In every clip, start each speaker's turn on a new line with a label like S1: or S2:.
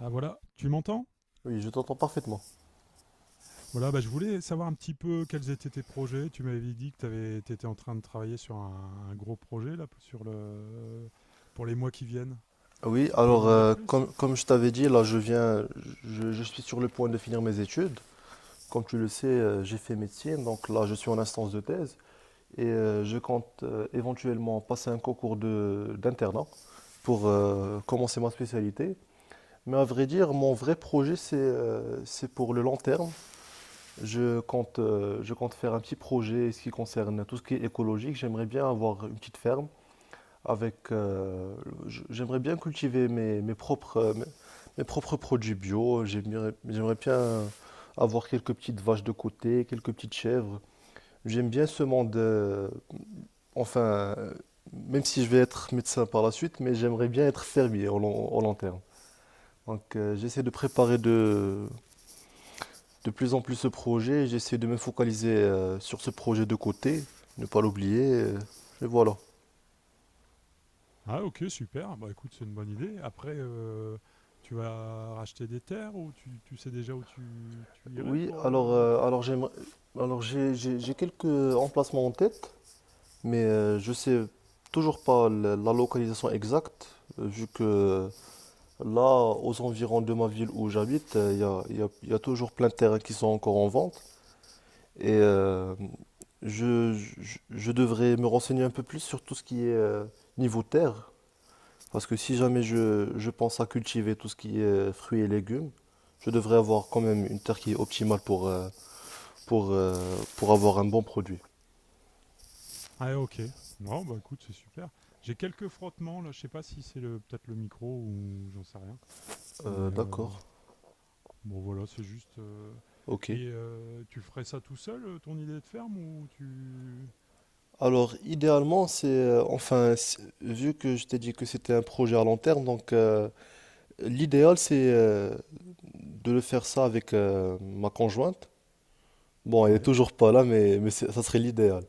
S1: Ah voilà, tu m'entends?
S2: Oui, je t'entends parfaitement.
S1: Voilà, bah, je voulais savoir un petit peu quels étaient tes projets. Tu m'avais dit que tu étais en train de travailler sur un gros projet là, sur le, pour les mois qui viennent.
S2: Oui,
S1: Tu pourrais
S2: alors
S1: m'en dire plus?
S2: comme je t'avais dit, là je viens, je suis sur le point de finir mes études. Comme tu le sais, j'ai fait médecine, donc là je suis en instance de thèse et je compte éventuellement passer un concours de d'internat pour commencer ma spécialité. Mais à vrai dire, mon vrai projet, c'est pour le long terme. Je compte faire un petit projet ce qui concerne tout ce qui est écologique. J'aimerais bien avoir une petite ferme avec, j'aimerais bien cultiver mes propres, mes propres produits bio. J'aimerais bien avoir quelques petites vaches de côté, quelques petites chèvres. J'aime bien ce monde, enfin, euh, même si je vais être médecin par la suite, mais j'aimerais bien être fermier au long terme. Donc, j'essaie de préparer de plus en plus ce projet. J'essaie de me focaliser sur ce projet de côté, ne pas l'oublier. Et voilà.
S1: Ah ok, super. Bah écoute, c'est une bonne idée. Après, tu vas racheter des terres ou tu sais déjà où tu irais
S2: Oui,
S1: pour cultiver?
S2: alors j'ai quelques emplacements en tête, mais je sais toujours pas la localisation exacte, vu que là, aux environs de ma ville où j'habite, il y a toujours plein de terrains qui sont encore en vente, et je devrais me renseigner un peu plus sur tout ce qui est niveau terre, parce que si jamais je pense à cultiver tout ce qui est fruits et légumes, je devrais avoir quand même une terre qui est optimale pour... pour, euh, pour avoir un bon produit.
S1: Ah ok. Bon bah écoute, c'est super. J'ai quelques frottements là, je sais pas si c'est le peut-être le micro ou j'en sais rien. Mais
S2: D'accord,
S1: bon, voilà, c'est juste.
S2: ok.
S1: Et tu ferais ça tout seul, ton idée de ferme, ou tu.
S2: Alors, idéalement, vu que je t'ai dit que c'était un projet à long terme, donc l'idéal, c'est de le faire ça avec ma conjointe. Bon, elle est
S1: Ouais,
S2: toujours pas là, ça serait l'idéal.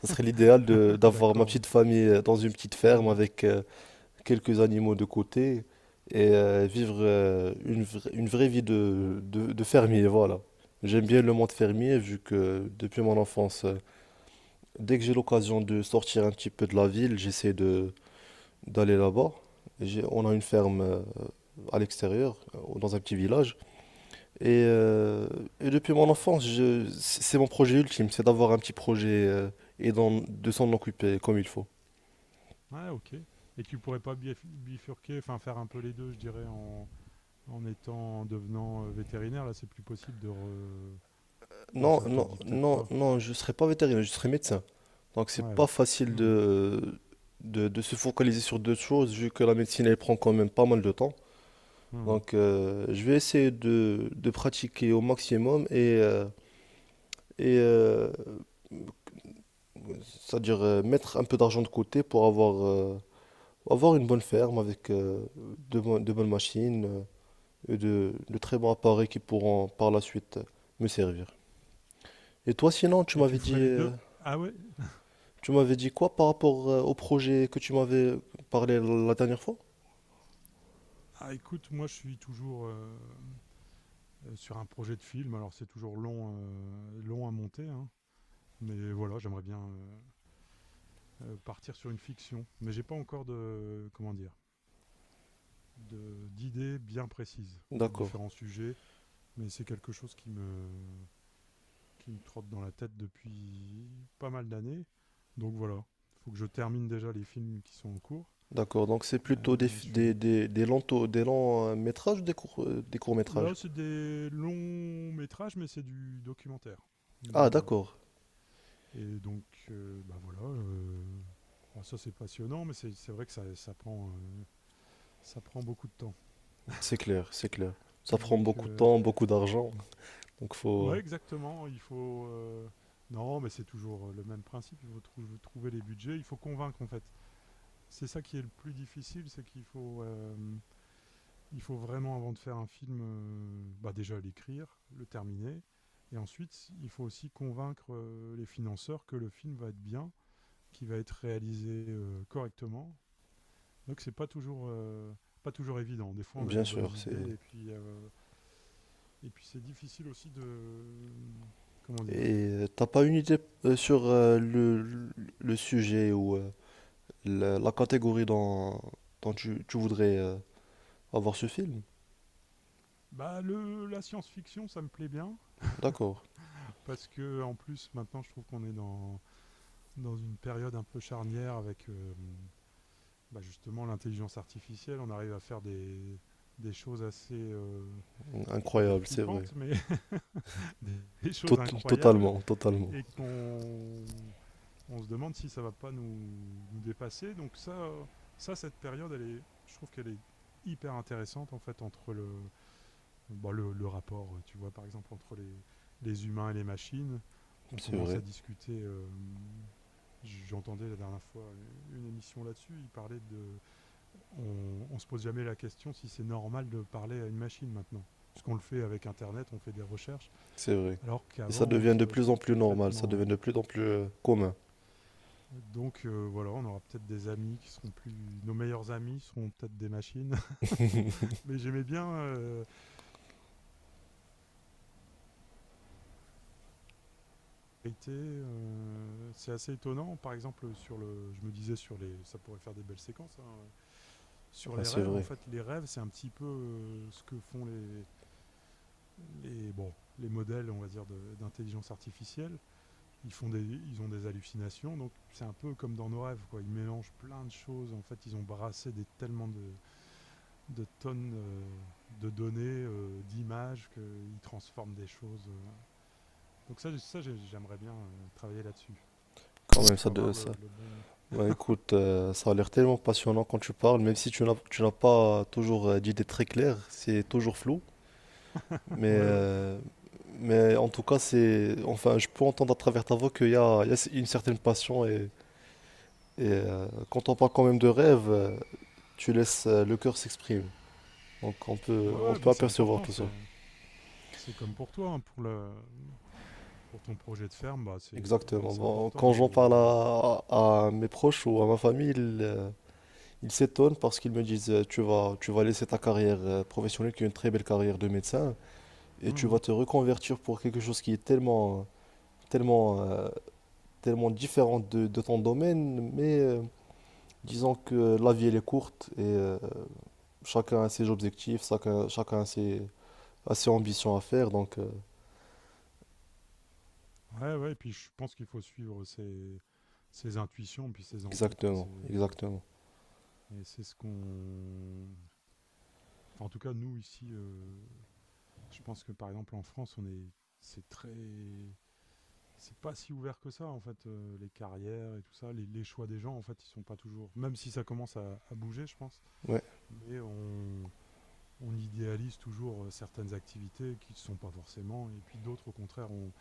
S2: Ça serait l'idéal de d'avoir ma
S1: d'accord. Ouais.
S2: petite famille dans une petite ferme
S1: Mhm.
S2: avec quelques animaux de côté et vivre une vraie vie de fermier, voilà. J'aime bien le monde fermier vu que depuis mon enfance, dès que j'ai l'occasion de sortir un petit peu de la ville, j'essaie de d'aller là-bas. On a une ferme à l'extérieur, dans un petit village. Et, euh, et depuis mon enfance, c'est mon projet ultime, c'est d'avoir un petit projet de s'en occuper comme il faut.
S1: Ouais, ok. Et tu pourrais pas bifurquer, enfin faire un peu les deux, je dirais, en, en étant, en devenant vétérinaire. Là, c'est plus possible de. Re... Ou
S2: Non,
S1: ça te
S2: non,
S1: dit peut-être
S2: non,
S1: pas.
S2: non, je serais pas vétérinaire, je serais médecin. Donc c'est pas
S1: Ouais.
S2: facile
S1: Mhm.
S2: de se focaliser sur deux choses, vu que la médecine elle prend quand même pas mal de temps.
S1: Mhm.
S2: Donc je vais essayer de pratiquer au maximum et euh, c'est-à-dire mettre un peu d'argent de côté pour avoir une bonne ferme avec de bonnes machines de très bons appareils qui pourront par la suite me servir. Et toi sinon, tu
S1: Et
S2: m'avais
S1: tu ferais
S2: dit...
S1: les deux. Ah ouais.
S2: Tu m'avais dit quoi par rapport au projet que tu m'avais parlé la dernière fois?
S1: Ah écoute, moi je suis toujours sur un projet de film. Alors c'est toujours long, long à monter, hein. Mais voilà, j'aimerais bien, partir sur une fiction. Mais j'ai pas encore de comment dire de d'idées bien précises. Il y a
S2: D'accord,
S1: différents sujets, mais c'est quelque chose qui me trotte dans la tête depuis pas mal d'années. Donc voilà, faut que je termine déjà les films qui sont en cours.
S2: d'accord. Donc c'est plutôt
S1: Je fais des...
S2: des longs, des longs métrages ou des courts
S1: Là,
S2: métrages?
S1: c'est des longs métrages, mais c'est du documentaire.
S2: Ah
S1: Donc voilà.
S2: d'accord,
S1: Et donc, bah voilà. Bah ça, c'est passionnant, mais c'est vrai que ça prend, ça prend beaucoup de temps.
S2: c'est clair, c'est clair. Ça prend
S1: Donc,
S2: beaucoup de temps, beaucoup d'argent. Donc faut...
S1: ouais, exactement. Il faut. Non, mais c'est toujours le même principe. Il faut trouver les budgets. Il faut convaincre, en fait. C'est ça qui est le plus difficile, c'est qu'il faut, il faut vraiment, avant de faire un film, bah, déjà l'écrire, le terminer. Et ensuite, il faut aussi convaincre les financeurs que le film va être bien, qu'il va être réalisé correctement. Donc, c'est pas toujours. Pas toujours évident. Des fois, on a
S2: Bien
S1: des bonnes
S2: sûr, c'est...
S1: idées et puis c'est difficile aussi de, comment dire,
S2: Et t'as pas une idée sur le sujet ou la catégorie dont tu voudrais avoir ce film?
S1: bah le la science-fiction, ça me plaît bien
S2: D'accord,
S1: parce que en plus maintenant je trouve qu'on est dans une période un peu charnière avec, bah, justement l'intelligence artificielle. On arrive à faire des choses assez, je vais pas dire
S2: incroyable, c'est vrai.
S1: flippantes, mais des choses
S2: Tot-
S1: incroyables
S2: totalement, totalement.
S1: et qu'on on se demande si ça va pas nous dépasser. Donc ça, ça cette période elle est je trouve qu'elle est hyper intéressante en fait entre le bon, le rapport, tu vois, par exemple, entre les humains et les machines, on
S2: C'est
S1: commence à
S2: vrai,
S1: discuter. J'entendais la dernière fois une émission là-dessus, il parlait de... on se pose jamais la question si c'est normal de parler à une machine maintenant. Puisqu'on le fait avec Internet, on fait des recherches,
S2: c'est vrai.
S1: alors
S2: Et ça
S1: qu'avant,
S2: devient
S1: ça
S2: de
S1: aurait
S2: plus
S1: été
S2: en plus normal, ça devient de
S1: complètement...
S2: plus en plus commun.
S1: Donc voilà, on aura peut-être des amis qui seront plus... Nos meilleurs amis seront peut-être des machines. Mais j'aimais bien été, c'est assez étonnant. Par exemple, sur le je me disais sur les ça pourrait faire des belles séquences, hein, sur
S2: Ouais,
S1: les
S2: c'est
S1: rêves, en
S2: vrai.
S1: fait, les rêves, c'est un petit peu, ce que font les bon, les modèles, on va dire, de d'intelligence artificielle. Ils font des ils ont des hallucinations, donc c'est un peu comme dans nos rêves, quoi. Ils mélangent plein de choses. En fait, ils ont brassé des tellement de tonnes, de données, d'images qu'ils transforment des choses, donc ça, j'aimerais bien, travailler là-dessus.
S2: Quand
S1: Mais il
S2: même,
S1: faut
S2: ça de
S1: avoir
S2: ça.
S1: le bon.
S2: Bah, écoute, ça a l'air tellement passionnant quand tu parles, même si tu n'as pas toujours d'idées très claires, c'est toujours flou. Mais,
S1: ouais, ouais.
S2: euh, mais en tout cas, enfin, je peux entendre à travers ta voix qu'il y a une certaine passion quand on parle quand même de rêve, tu laisses le cœur s'exprimer. Donc
S1: Ouais,
S2: on
S1: ouais, bah,
S2: peut
S1: c'est
S2: apercevoir
S1: important.
S2: tout ça.
S1: C'est comme pour toi, hein, pour, le, pour ton projet de ferme, bah,
S2: Exactement.
S1: c'est
S2: Bon,
S1: important
S2: quand j'en parle
S1: de.
S2: à mes proches ou à ma famille, ils s'étonnent parce qu'ils me disent, tu vas laisser ta carrière professionnelle, qui est une très belle carrière de médecin, et tu vas
S1: Mhm.
S2: te reconvertir pour quelque chose qui est tellement, tellement, euh, tellement différent de ton domaine. Mais disons que la vie, elle est courte et chacun a ses objectifs, chacun, chacun a ses ambitions à faire. Donc,
S1: Ouais, ouais. Et puis je pense qu'il faut suivre ses, ses intuitions, puis ses envies, quoi.
S2: exactement,
S1: C'est,
S2: exactement.
S1: et c'est ce qu'on. Enfin, en tout cas, nous ici, je pense que par exemple en France, on est. C'est très. C'est pas si ouvert que ça, en fait, les carrières et tout ça. Les choix des gens, en fait, ils sont pas toujours. Même si ça commence à bouger, je pense.
S2: Ouais,
S1: Mais on idéalise toujours certaines activités qui ne sont pas forcément, et puis d'autres, au contraire,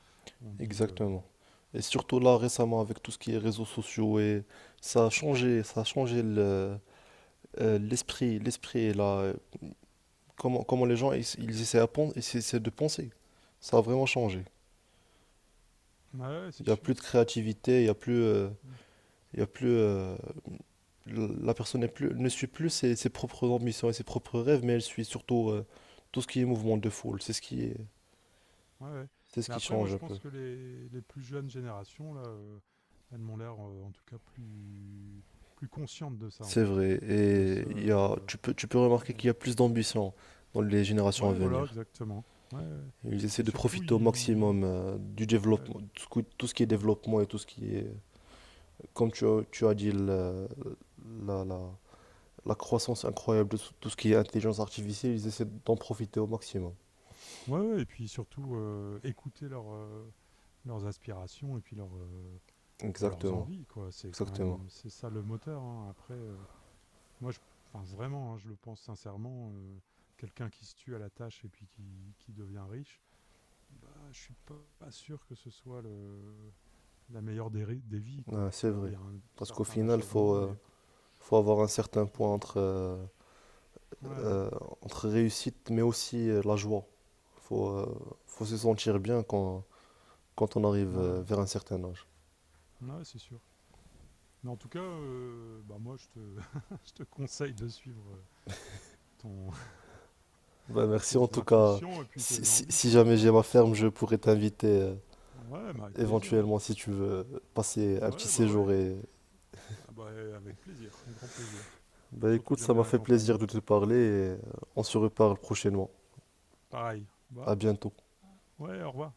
S1: on dit
S2: exactement. Et surtout là, récemment, avec tout ce qui est réseaux sociaux, et ça a changé l'esprit, l'esprit, comment, comment les gens, ils essaient à ils essaient de penser. Ça a vraiment changé.
S1: ouais, ouais,
S2: Il
S1: c'est
S2: n'y a plus
S1: sûr.
S2: de créativité,
S1: Mm.
S2: il y a plus, la personne n'est plus, ne suit plus ses, ses propres ambitions et ses propres rêves, mais elle suit surtout tout ce qui est mouvement de foule. C'est ce qui est,
S1: Ouais, ouais.
S2: c'est ce
S1: Mais
S2: qui
S1: après, moi,
S2: change
S1: je
S2: un peu.
S1: pense que les plus jeunes générations, là, elles m'ont l'air, en tout cas, plus, plus conscientes de ça, en
S2: C'est
S1: fait.
S2: vrai.
S1: De
S2: Et
S1: ce.
S2: il y a, tu peux remarquer qu'il
S1: Eh,
S2: y a plus d'ambition dans les générations à
S1: ouais, voilà,
S2: venir.
S1: exactement. Ouais. Ouais.
S2: Ils essaient
S1: Et
S2: de
S1: surtout,
S2: profiter au
S1: ils.
S2: maximum du
S1: Ouais.
S2: développement, tout ce qui est
S1: Mhm.
S2: développement et tout ce qui est, comme tu as dit, la, la, la croissance incroyable de tout tout ce qui est intelligence artificielle, ils essaient d'en profiter au maximum.
S1: Ouais, ouais, et puis surtout, écouter leurs, leurs aspirations et puis leurs, bah, leurs
S2: Exactement,
S1: envies, quoi. C'est quand
S2: exactement.
S1: même, c'est ça le moteur, hein. Après, moi je enfin vraiment, hein, je le pense sincèrement, quelqu'un qui se tue à la tâche et puis qui devient riche, bah, je suis pas sûr que ce soit le la meilleure des ri des vies,
S2: Ouais,
S1: quoi.
S2: c'est
S1: Alors il
S2: vrai.
S1: y a un
S2: Parce qu'au
S1: certain
S2: final,
S1: achèvement, mais
S2: faut avoir un certain point
S1: ouais, ouais,
S2: euh, entre réussite mais aussi la joie. Il faut, faut se sentir bien quand on arrive
S1: ouais. Ouais,
S2: vers un certain âge.
S1: c'est sûr. Mais en tout cas, bah, moi je te je te conseille de suivre, ton
S2: Ben merci en
S1: tes
S2: tout cas.
S1: intuitions et puis tes envies,
S2: Si
S1: quoi,
S2: jamais
S1: ta
S2: j'ai ma
S1: volonté.
S2: ferme, je pourrais
S1: Pour faire.
S2: t'inviter
S1: Ouais, bah avec plaisir. Hein.
S2: éventuellement si tu veux passer un petit
S1: Ouais, bah ouais.
S2: séjour. Et...
S1: Ah bah avec plaisir, grand plaisir.
S2: ben
S1: Surtout
S2: écoute,
S1: que
S2: ça
S1: j'aime
S2: m'a
S1: bien la
S2: fait plaisir
S1: campagne.
S2: de te parler et euh, on se reparle prochainement.
S1: Pareil. Bah
S2: À bientôt.
S1: ouais, au revoir.